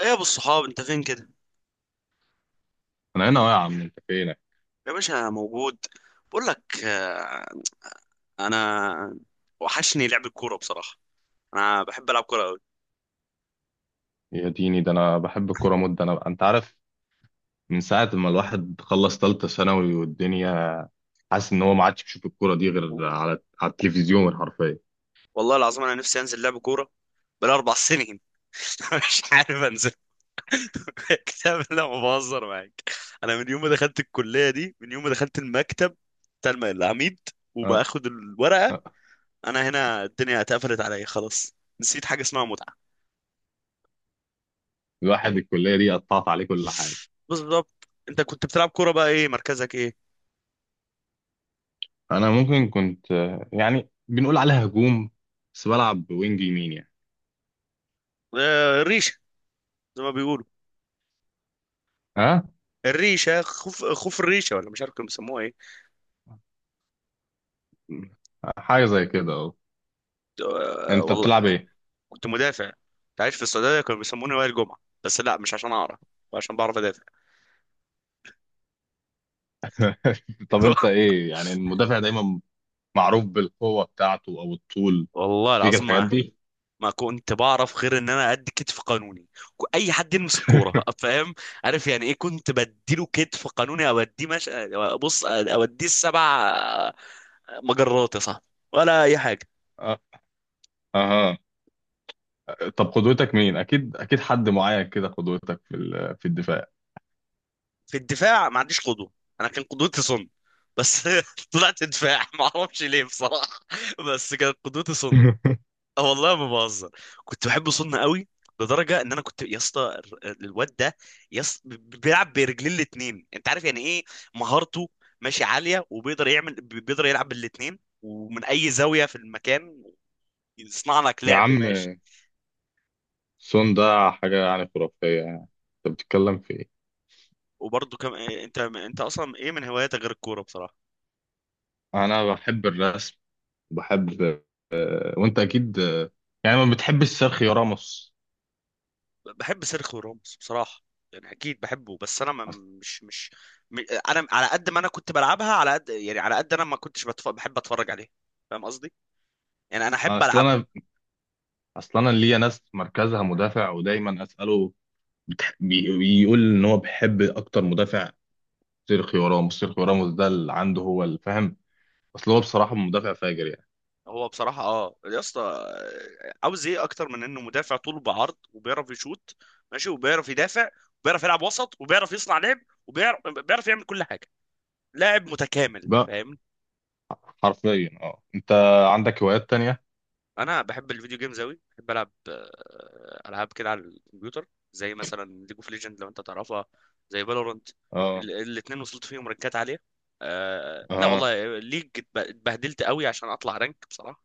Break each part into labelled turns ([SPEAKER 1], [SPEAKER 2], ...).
[SPEAKER 1] ايه يا ابو الصحاب، انت فين كده؟
[SPEAKER 2] انا هنا يا عم انت فينك.
[SPEAKER 1] يا باشا، أنا موجود. بقول لك، انا وحشني لعب الكوره بصراحه. انا بحب العب كوره قوي.
[SPEAKER 2] يا ديني ده انا بحب الكوره مده، انا انت عارف، من ساعه ما الواحد خلص ثالثه ثانوي والدنيا، حاسس ان هو ما عادش بيشوف الكوره دي غير على التلفزيون حرفيا.
[SPEAKER 1] والله العظيم انا نفسي انزل لعب كوره بال4 سنين. مش عارف انزل. كتاب، لا ما بهزر معاك. انا من يوم ما دخلت الكليه دي، من يوم ما دخلت المكتب بتاع العميد
[SPEAKER 2] اه.
[SPEAKER 1] وباخد الورقه.
[SPEAKER 2] آه.
[SPEAKER 1] انا هنا الدنيا اتقفلت عليا خلاص، نسيت حاجه اسمها متعه.
[SPEAKER 2] الواحد الكليه دي قطعت عليه كل حاجه.
[SPEAKER 1] بالظبط، انت كنت بتلعب كوره بقى، ايه مركزك ايه؟
[SPEAKER 2] انا ممكن كنت يعني بنقول عليها هجوم، بس بلعب وينج يمين يعني.
[SPEAKER 1] الريشه زي ما بيقولوا.
[SPEAKER 2] ها.
[SPEAKER 1] الريشه خوف خوف، الريشه، ولا مش عارف كانوا بيسموها ايه.
[SPEAKER 2] حاجه زي كده اهو. انت
[SPEAKER 1] والله
[SPEAKER 2] بتلعب ايه؟
[SPEAKER 1] كنت مدافع. كنت عايش في السعوديه، كانوا بيسموني وائل جمعه. بس لا مش عشان اعرف، عشان بعرف ادافع.
[SPEAKER 2] طب انت ايه يعني؟ المدافع دايما معروف بالقوه بتاعته او الطول،
[SPEAKER 1] والله
[SPEAKER 2] فيك
[SPEAKER 1] العظيم
[SPEAKER 2] الحاجات
[SPEAKER 1] ما
[SPEAKER 2] دي؟
[SPEAKER 1] ما كنت بعرف غير ان انا ادي كتف قانوني، اي حد يلمس الكوره. فاهم، عارف يعني ايه؟ كنت بديله كتف قانوني او اديه، مش، بص اوديه السبع مجرات يا صاحبي ولا اي حاجه.
[SPEAKER 2] اه. اها. طب قدوتك مين؟ اكيد حد معين كده قدوتك في في الدفاع.
[SPEAKER 1] في الدفاع ما عنديش قدوه. انا كان قدوتي صن، بس طلعت دفاع ما اعرفش ليه بصراحه، بس كانت قدوتي صن. اه والله ما بهزر، كنت بحب صن قوي. لدرجه ان انا كنت يا اسطى، الواد ده، يا اسطى بيلعب برجلين الاتنين انت عارف يعني ايه مهارته؟ ماشي، عاليه، وبيقدر يعمل، بيقدر يلعب بالاتنين ومن اي زاويه في المكان يصنع لك
[SPEAKER 2] يا
[SPEAKER 1] لعب
[SPEAKER 2] عم،
[SPEAKER 1] ماشي.
[SPEAKER 2] سون ده حاجة يعني خرافية يعني، انت بتتكلم في ايه؟
[SPEAKER 1] وبرضه، كم انت انت اصلا ايه من هواياتك غير الكوره بصراحه؟
[SPEAKER 2] انا بحب الرسم، بحب. وانت اكيد يعني ما بتحبش سيرخيو راموس؟
[SPEAKER 1] بحب سيرخيو راموس بصراحة، يعني أكيد بحبه، بس أنا ما
[SPEAKER 2] أص-
[SPEAKER 1] مش مش م- أنا على قد ما أنا كنت بلعبها، على قد يعني، على قد أنا ما كنتش بحب أتفرج عليها. فاهم قصدي؟ يعني أنا أحب
[SPEAKER 2] اصل
[SPEAKER 1] ألعبها.
[SPEAKER 2] انا، اصل انا ليا ناس مركزها مدافع ودايما اساله، بيقول ان هو بيحب اكتر مدافع سيرخيو راموس. سيرخيو راموس ده اللي عنده هو الفهم. اصل هو بصراحة مدافع فاجر يعني.
[SPEAKER 1] هو بصراحة يا اسطى، عاوز إيه أكتر من إنه مدافع؟ طوله بعرض وبيعرف يشوط ماشي، وبيعرف يدافع، وبيعرف يلعب وسط، وبيعرف يصنع لعب، وبيعرف يعمل كل حاجة. لاعب متكامل،
[SPEAKER 2] بقى
[SPEAKER 1] فاهمني؟
[SPEAKER 2] حرفيا اه، انت عندك هوايات تانية؟
[SPEAKER 1] انا بحب الفيديو جيمز اوي، بحب العب العاب كده على الكمبيوتر، زي مثلا ليج اوف ليجند لو انت تعرفها، زي فالورنت.
[SPEAKER 2] اه.
[SPEAKER 1] الاثنين وصلت فيهم رانكات عاليه. لا
[SPEAKER 2] اه.
[SPEAKER 1] والله ليج اتبهدلت قوي عشان اطلع رانك بصراحه،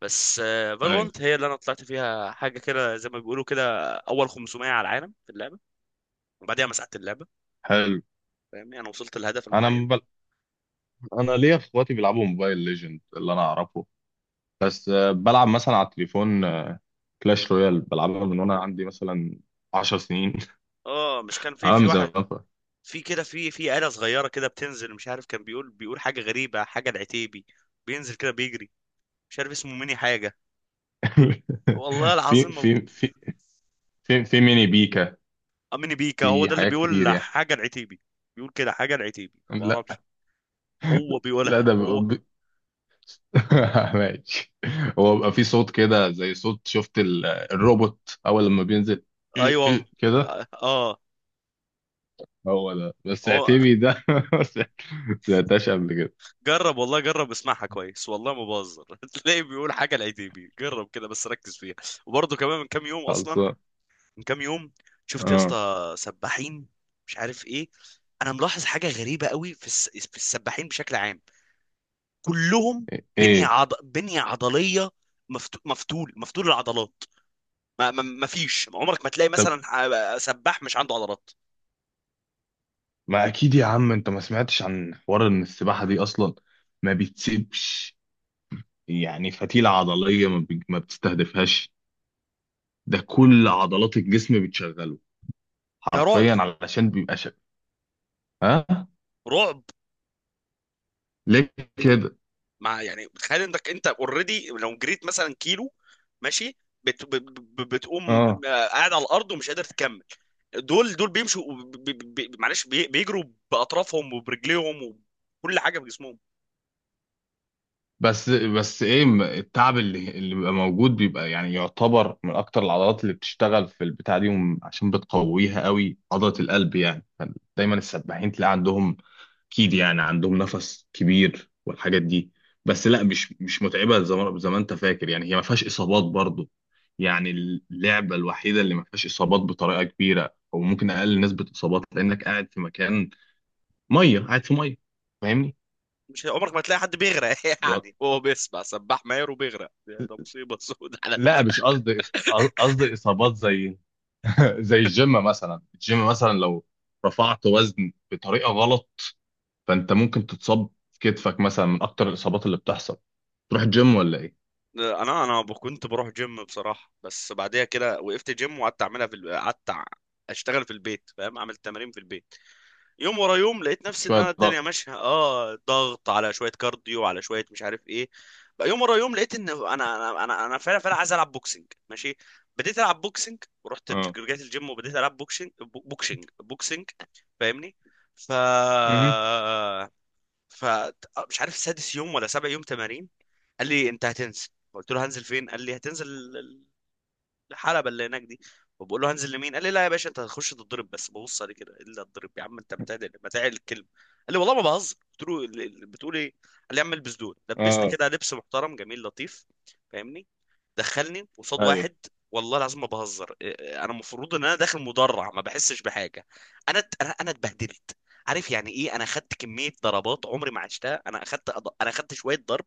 [SPEAKER 1] بس
[SPEAKER 2] ايوه.
[SPEAKER 1] فالورنت هي اللي انا طلعت فيها حاجه كده، زي ما بيقولوا كده، اول 500 على العالم في اللعبه، وبعديها مسحت اللعبه.
[SPEAKER 2] حلو.
[SPEAKER 1] فاهمني، انا وصلت لهدف
[SPEAKER 2] انا
[SPEAKER 1] معين.
[SPEAKER 2] مبل... انا ليا اخواتي بيلعبوا موبايل ليجند اللي انا اعرفه. أه، بلعب مثلا على التليفون كلاش رويال، بلعبها من وانا عندي مثلا 10 سنين.
[SPEAKER 1] اه، مش كان في
[SPEAKER 2] انا
[SPEAKER 1] في
[SPEAKER 2] من
[SPEAKER 1] واحد،
[SPEAKER 2] زمان
[SPEAKER 1] في كده، في آلة صغيرة كده بتنزل، مش عارف، كان بيقول حاجة غريبة، حاجة العتيبي، بينزل كده بيجري، مش عارف اسمه ميني حاجه، والله
[SPEAKER 2] في
[SPEAKER 1] العظيم هو.
[SPEAKER 2] في في في في ميني بيكا،
[SPEAKER 1] ميني بيكا هو
[SPEAKER 2] في
[SPEAKER 1] ده اللي
[SPEAKER 2] حاجات
[SPEAKER 1] بيقول
[SPEAKER 2] كتير يعني.
[SPEAKER 1] حاجه العتيبي، بيقول كده حاجه العتيبي، ما
[SPEAKER 2] لا.
[SPEAKER 1] بعرفش، هو
[SPEAKER 2] لا
[SPEAKER 1] بيقولها
[SPEAKER 2] ده بيبقى
[SPEAKER 1] هو.
[SPEAKER 2] بي- ماشي. هو بيبقى في صوت كده زي صوت، شفت الروبوت اول لما بينزل؟ إيه
[SPEAKER 1] ايوه،
[SPEAKER 2] إيه كده.
[SPEAKER 1] اه، آه.
[SPEAKER 2] هو ده بس
[SPEAKER 1] هو
[SPEAKER 2] اعتبي ده، ما سمعتهاش قبل كده.
[SPEAKER 1] جرب والله، جرب اسمعها كويس والله ما بهزر. تلاقي بيقول حاجه العتيبي، جرب كده بس ركز فيها. وبرضه كمان، من كام يوم اصلا،
[SPEAKER 2] خلصان.
[SPEAKER 1] من كام يوم، شفت يا
[SPEAKER 2] اه.
[SPEAKER 1] اسطى سباحين مش عارف ايه. انا ملاحظ حاجه غريبه قوي في في السباحين بشكل عام، كلهم
[SPEAKER 2] ايه؟
[SPEAKER 1] بنيه عضليه، مفتول العضلات. ما فيش عمرك ما تلاقي
[SPEAKER 2] طب
[SPEAKER 1] مثلا سباح مش عنده عضلات.
[SPEAKER 2] ما اكيد يا عم انت ما سمعتش عن حوار ان السباحه دي اصلا ما بتسيبش يعني فتيله عضليه، ما، ما بتستهدفهاش؟ ده كل عضلات الجسم بتشغله
[SPEAKER 1] ده رعب،
[SPEAKER 2] حرفيا، علشان بيبقى شغال. ها.
[SPEAKER 1] رعب.
[SPEAKER 2] ليه كده؟
[SPEAKER 1] يعني تخيل انك انت اوريدي لو جريت مثلا كيلو ماشي، بتقوم
[SPEAKER 2] اه.
[SPEAKER 1] قاعد على الارض ومش قادر تكمل. دول بيمشوا بيجروا باطرافهم وبرجليهم وكل حاجه بجسمهم.
[SPEAKER 2] بس التعب اللي بيبقى موجود بيبقى يعني يعتبر من اكتر العضلات اللي بتشتغل في البتاع دي، عشان بتقويها قوي عضله القلب يعني. دايما السباحين تلاقي عندهم، اكيد يعني عندهم نفس كبير والحاجات دي. بس لا، مش متعبه زي ما انت فاكر يعني. هي ما فيهاش اصابات برضو يعني، اللعبه الوحيده اللي ما فيهاش اصابات بطريقه كبيره، او ممكن اقل نسبه اصابات، لانك قاعد في مكان ميه، قاعد في ميه. فاهمني؟
[SPEAKER 1] مش عمرك ما تلاقي حد بيغرق،
[SPEAKER 2] يقعد-
[SPEAKER 1] يعني هو بيسبح سباح ماهر وبيغرق، ده مصيبه سود على.
[SPEAKER 2] لا مش قصدي قصدي اصابات زي زي الجيم. مثلا الجيم مثلا لو رفعت وزن بطريقه غلط، فانت ممكن تتصاب في كتفك مثلا، من اكتر الاصابات اللي بتحصل. تروح الجيم ولا ايه؟
[SPEAKER 1] انا كنت بروح جيم بصراحه، بس بعديها كده وقفت جيم وقعدت اعملها في اشتغل في البيت، فاهم، اعمل تمارين في البيت، يوم ورا يوم. لقيت نفسي ان
[SPEAKER 2] شويه
[SPEAKER 1] انا الدنيا
[SPEAKER 2] ضغط.
[SPEAKER 1] ماشيه، ضغط على شويه كارديو، على شويه مش عارف ايه. بقى يوم ورا يوم لقيت ان انا فعلا فعلا عايز العب بوكسنج ماشي. بديت العب بوكسنج، ورحت
[SPEAKER 2] آه.
[SPEAKER 1] رجعت الجيم وبديت العب بوكسنج. بوكسنج بوكسنج، فاهمني. ف
[SPEAKER 2] امم.
[SPEAKER 1] فمش عارف سادس يوم ولا سابع يوم تمارين، قال لي انت هتنزل. قلت له هنزل فين؟ قال لي هتنزل الحلبة اللي هناك دي. وبقول له هنزل لمين؟ قال لي لا يا باشا، انت هتخش تتضرب بس ببص عليه كده. الا تضرب يا عم، انت بتعدل الكلمه. قال لي والله ما بهزر. قلت له بتقول ايه؟ قال لي يا عم البس دول، لبسني
[SPEAKER 2] اه.
[SPEAKER 1] كده لبس محترم جميل لطيف، فاهمني. دخلني قصاد
[SPEAKER 2] ايوه.
[SPEAKER 1] واحد، والله العظيم ما بهزر. انا المفروض ان انا داخل مدرع ما بحسش بحاجه. انا ات- انا أنا اتبهدلت، عارف يعني ايه، انا اخدت كميه ضربات عمري ما عشتها، انا اخدت شويه ضرب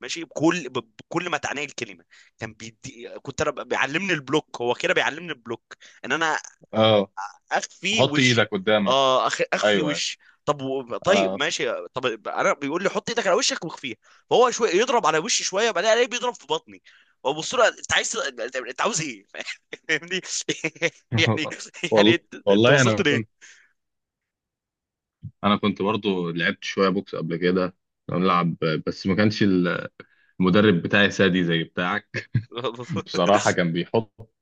[SPEAKER 1] ماشي، بكل ما تعنيه الكلمه. كان بيدي، بيعلمني البلوك، هو كده بيعلمني البلوك، ان انا
[SPEAKER 2] اه.
[SPEAKER 1] اخفي
[SPEAKER 2] حط ايدك
[SPEAKER 1] وشي.
[SPEAKER 2] قدامك.
[SPEAKER 1] اه، اخفي
[SPEAKER 2] ايوه ايوه.
[SPEAKER 1] وشي. طيب
[SPEAKER 2] انا
[SPEAKER 1] ماشي. طب انا بيقول لي حط ايدك على وشك واخفيها، فهو شويه يضرب على وشي، شويه بعدين الاقيه بيضرب في بطني، وابص له، انت عاوز ايه؟ فاهمني، يعني، يعني
[SPEAKER 2] والله.
[SPEAKER 1] أنت
[SPEAKER 2] والله
[SPEAKER 1] وصلت
[SPEAKER 2] انا
[SPEAKER 1] ليه؟
[SPEAKER 2] كنت، انا كنت برضو لعبت شويه بوكس قبل كده، كنا بنلعب. بس ما كانش المدرب بتاعي سادي زي بتاعك. بصراحه كان بيحط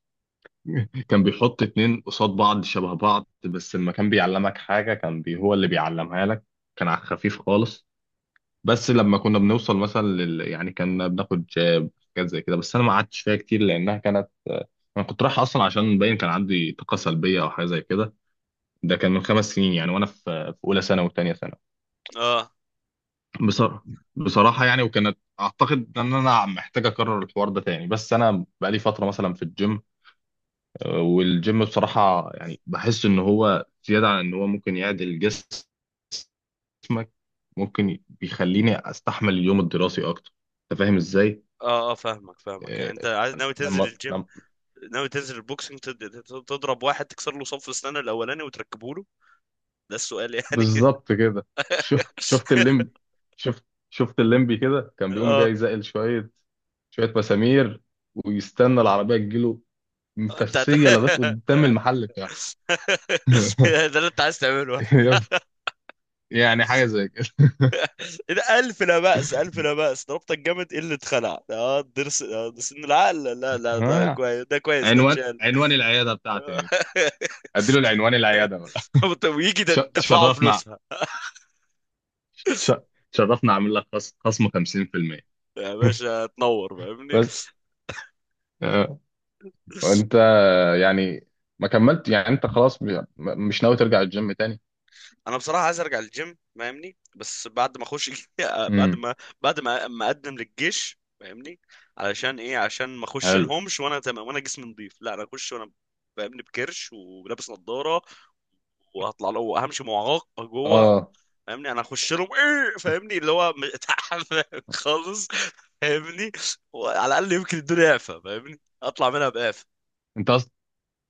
[SPEAKER 2] كان بيحط اتنين قصاد بعض شبه بعض، بس لما كان بيعلمك حاجه كان هو اللي بيعلمها لك. كان على الخفيف خالص. بس لما كنا بنوصل مثلا يعني كنا بناخد جاب، حاجات زي كده. بس انا ما قعدتش فيها كتير لانها كانت، انا كنت رايح اصلا عشان باين كان عندي طاقه سلبيه او حاجه زي كده. ده كان من خمس سنين يعني وانا في، في اولى ثانوي وثانيه ثانوي
[SPEAKER 1] اه،
[SPEAKER 2] بصراحه. بصراحه يعني، وكانت اعتقد ان انا محتاج اكرر الحوار ده تاني، بس انا بقالي فتره مثلا في الجيم. آه، والجيم بصراحه يعني بحس ان هو زياده عن ان هو ممكن يعدل جسمك، ممكن بيخليني استحمل اليوم الدراسي اكتر. انت فاهم ازاي؟
[SPEAKER 1] اه، اه، فاهمك، فاهمك، يعني
[SPEAKER 2] إيه،
[SPEAKER 1] انت عايز، ناوي تنزل
[SPEAKER 2] لما
[SPEAKER 1] الجيم،
[SPEAKER 2] لما
[SPEAKER 1] ناوي تنزل البوكسنج، تضرب واحد تكسر له صف اسنانه الاولاني وتركبه له. ده السؤال يعني.
[SPEAKER 2] بالظبط كده. شو شفت الليمبي؟ شفت الليمبي كده كان بيقوم
[SPEAKER 1] اه
[SPEAKER 2] جاي زائل شوية، شوية مسامير، ويستنى العربية تجيله
[SPEAKER 1] انت.
[SPEAKER 2] مفسية لغاية قدام المحل بتاعه.
[SPEAKER 1] ده اللي انت عايز تعمله؟
[SPEAKER 2] يعني حاجة زي كده.
[SPEAKER 1] إيه ده، ألف لا بأس، ألف لا بأس، ضربت الجامد، إيه اللي اتخلع؟ اه درس، ده سن العقل، لا لا، ده
[SPEAKER 2] آه.
[SPEAKER 1] كويس، ده كويس، ده
[SPEAKER 2] عنوان
[SPEAKER 1] اتشال.
[SPEAKER 2] عنوان العيادة بتاعتي يعني، اديله العنوان العيادة بقى.
[SPEAKER 1] طب ويجي ده دفعوا
[SPEAKER 2] تشرفنا.
[SPEAKER 1] فلوسها؟
[SPEAKER 2] تش- تشرفنا. اعمل لك خصم 50%.
[SPEAKER 1] يا باشا تنور، فاهمني.
[SPEAKER 2] بس آه. وانت يعني ما كملت يعني؟ انت خلاص مش ناوي ترجع الجيم تاني؟
[SPEAKER 1] انا بصراحه عايز ارجع للجيم فاهمني، بس بعد ما اخش، بعد
[SPEAKER 2] امم.
[SPEAKER 1] ما بعد ما ما اقدم للجيش فاهمني. علشان ايه؟ عشان ما اخش
[SPEAKER 2] حلو.
[SPEAKER 1] لهمش وانا تمام وانا جسمي نظيف، لا انا اخش وانا، فاهمني، بكرش ولابس نظاره، وهطلع له وهمشي معاق جوه،
[SPEAKER 2] اه.
[SPEAKER 1] فاهمني. انا اخش لهم ايه؟ فاهمني، اللي هو تعبان خالص، فاهمني. وعلى الاقل يمكن الدنيا اعفى فاهمني، اطلع منها بقافه.
[SPEAKER 2] انت اصلا،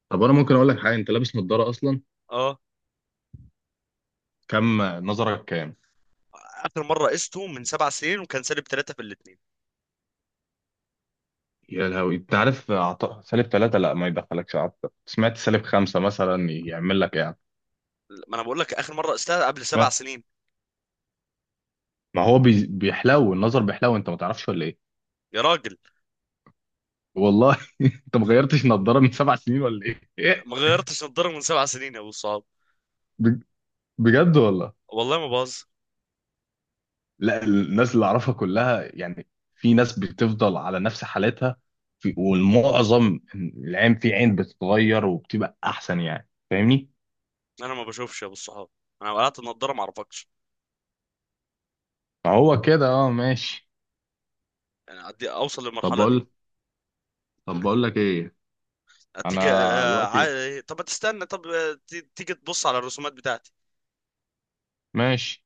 [SPEAKER 2] طب انا ممكن اقول لك حاجه، انت لابس نظاره اصلا،
[SPEAKER 1] اه،
[SPEAKER 2] كم نظرك كام؟
[SPEAKER 1] اخر مره قسته من 7 سنين وكان سالب ثلاثه في الاثنين.
[SPEAKER 2] يا لهوي! انت عارف سالب ثلاثة، لا ما يدخلكش، سمعت سالب خمسة مثلا يعمل لك ايه يعني؟
[SPEAKER 1] ما انا بقول لك اخر مره قستها قبل سبع
[SPEAKER 2] سمعت،
[SPEAKER 1] سنين
[SPEAKER 2] ما هو بيحلو النظر بيحلو، انت ما تعرفش ولا ايه؟
[SPEAKER 1] يا راجل.
[SPEAKER 2] والله انت ما غيرتش نظاره من سبع سنين ولا ايه؟ إيه؟
[SPEAKER 1] ما غيرتش نضاره من 7 سنين يا ابو الصحاب.
[SPEAKER 2] بج- بجد والله؟
[SPEAKER 1] والله ما باظ.
[SPEAKER 2] لا الناس اللي اعرفها كلها يعني، في ناس بتفضل على نفس حالتها، في والمعظم العين عين بتتغير وبتبقى احسن يعني، فاهمني؟
[SPEAKER 1] انا ما بشوفش يا ابو الصحاب، انا قلعت النضاره ما اعرفكش،
[SPEAKER 2] فهو كده اه، ماشي.
[SPEAKER 1] يعني اوصل
[SPEAKER 2] طب
[SPEAKER 1] للمرحله دي.
[SPEAKER 2] بقول طب بقول لك ايه، انا دلوقتي،
[SPEAKER 1] طب ما تستنى، طب تيجي تبص على الرسومات بتاعتي.
[SPEAKER 2] ماشي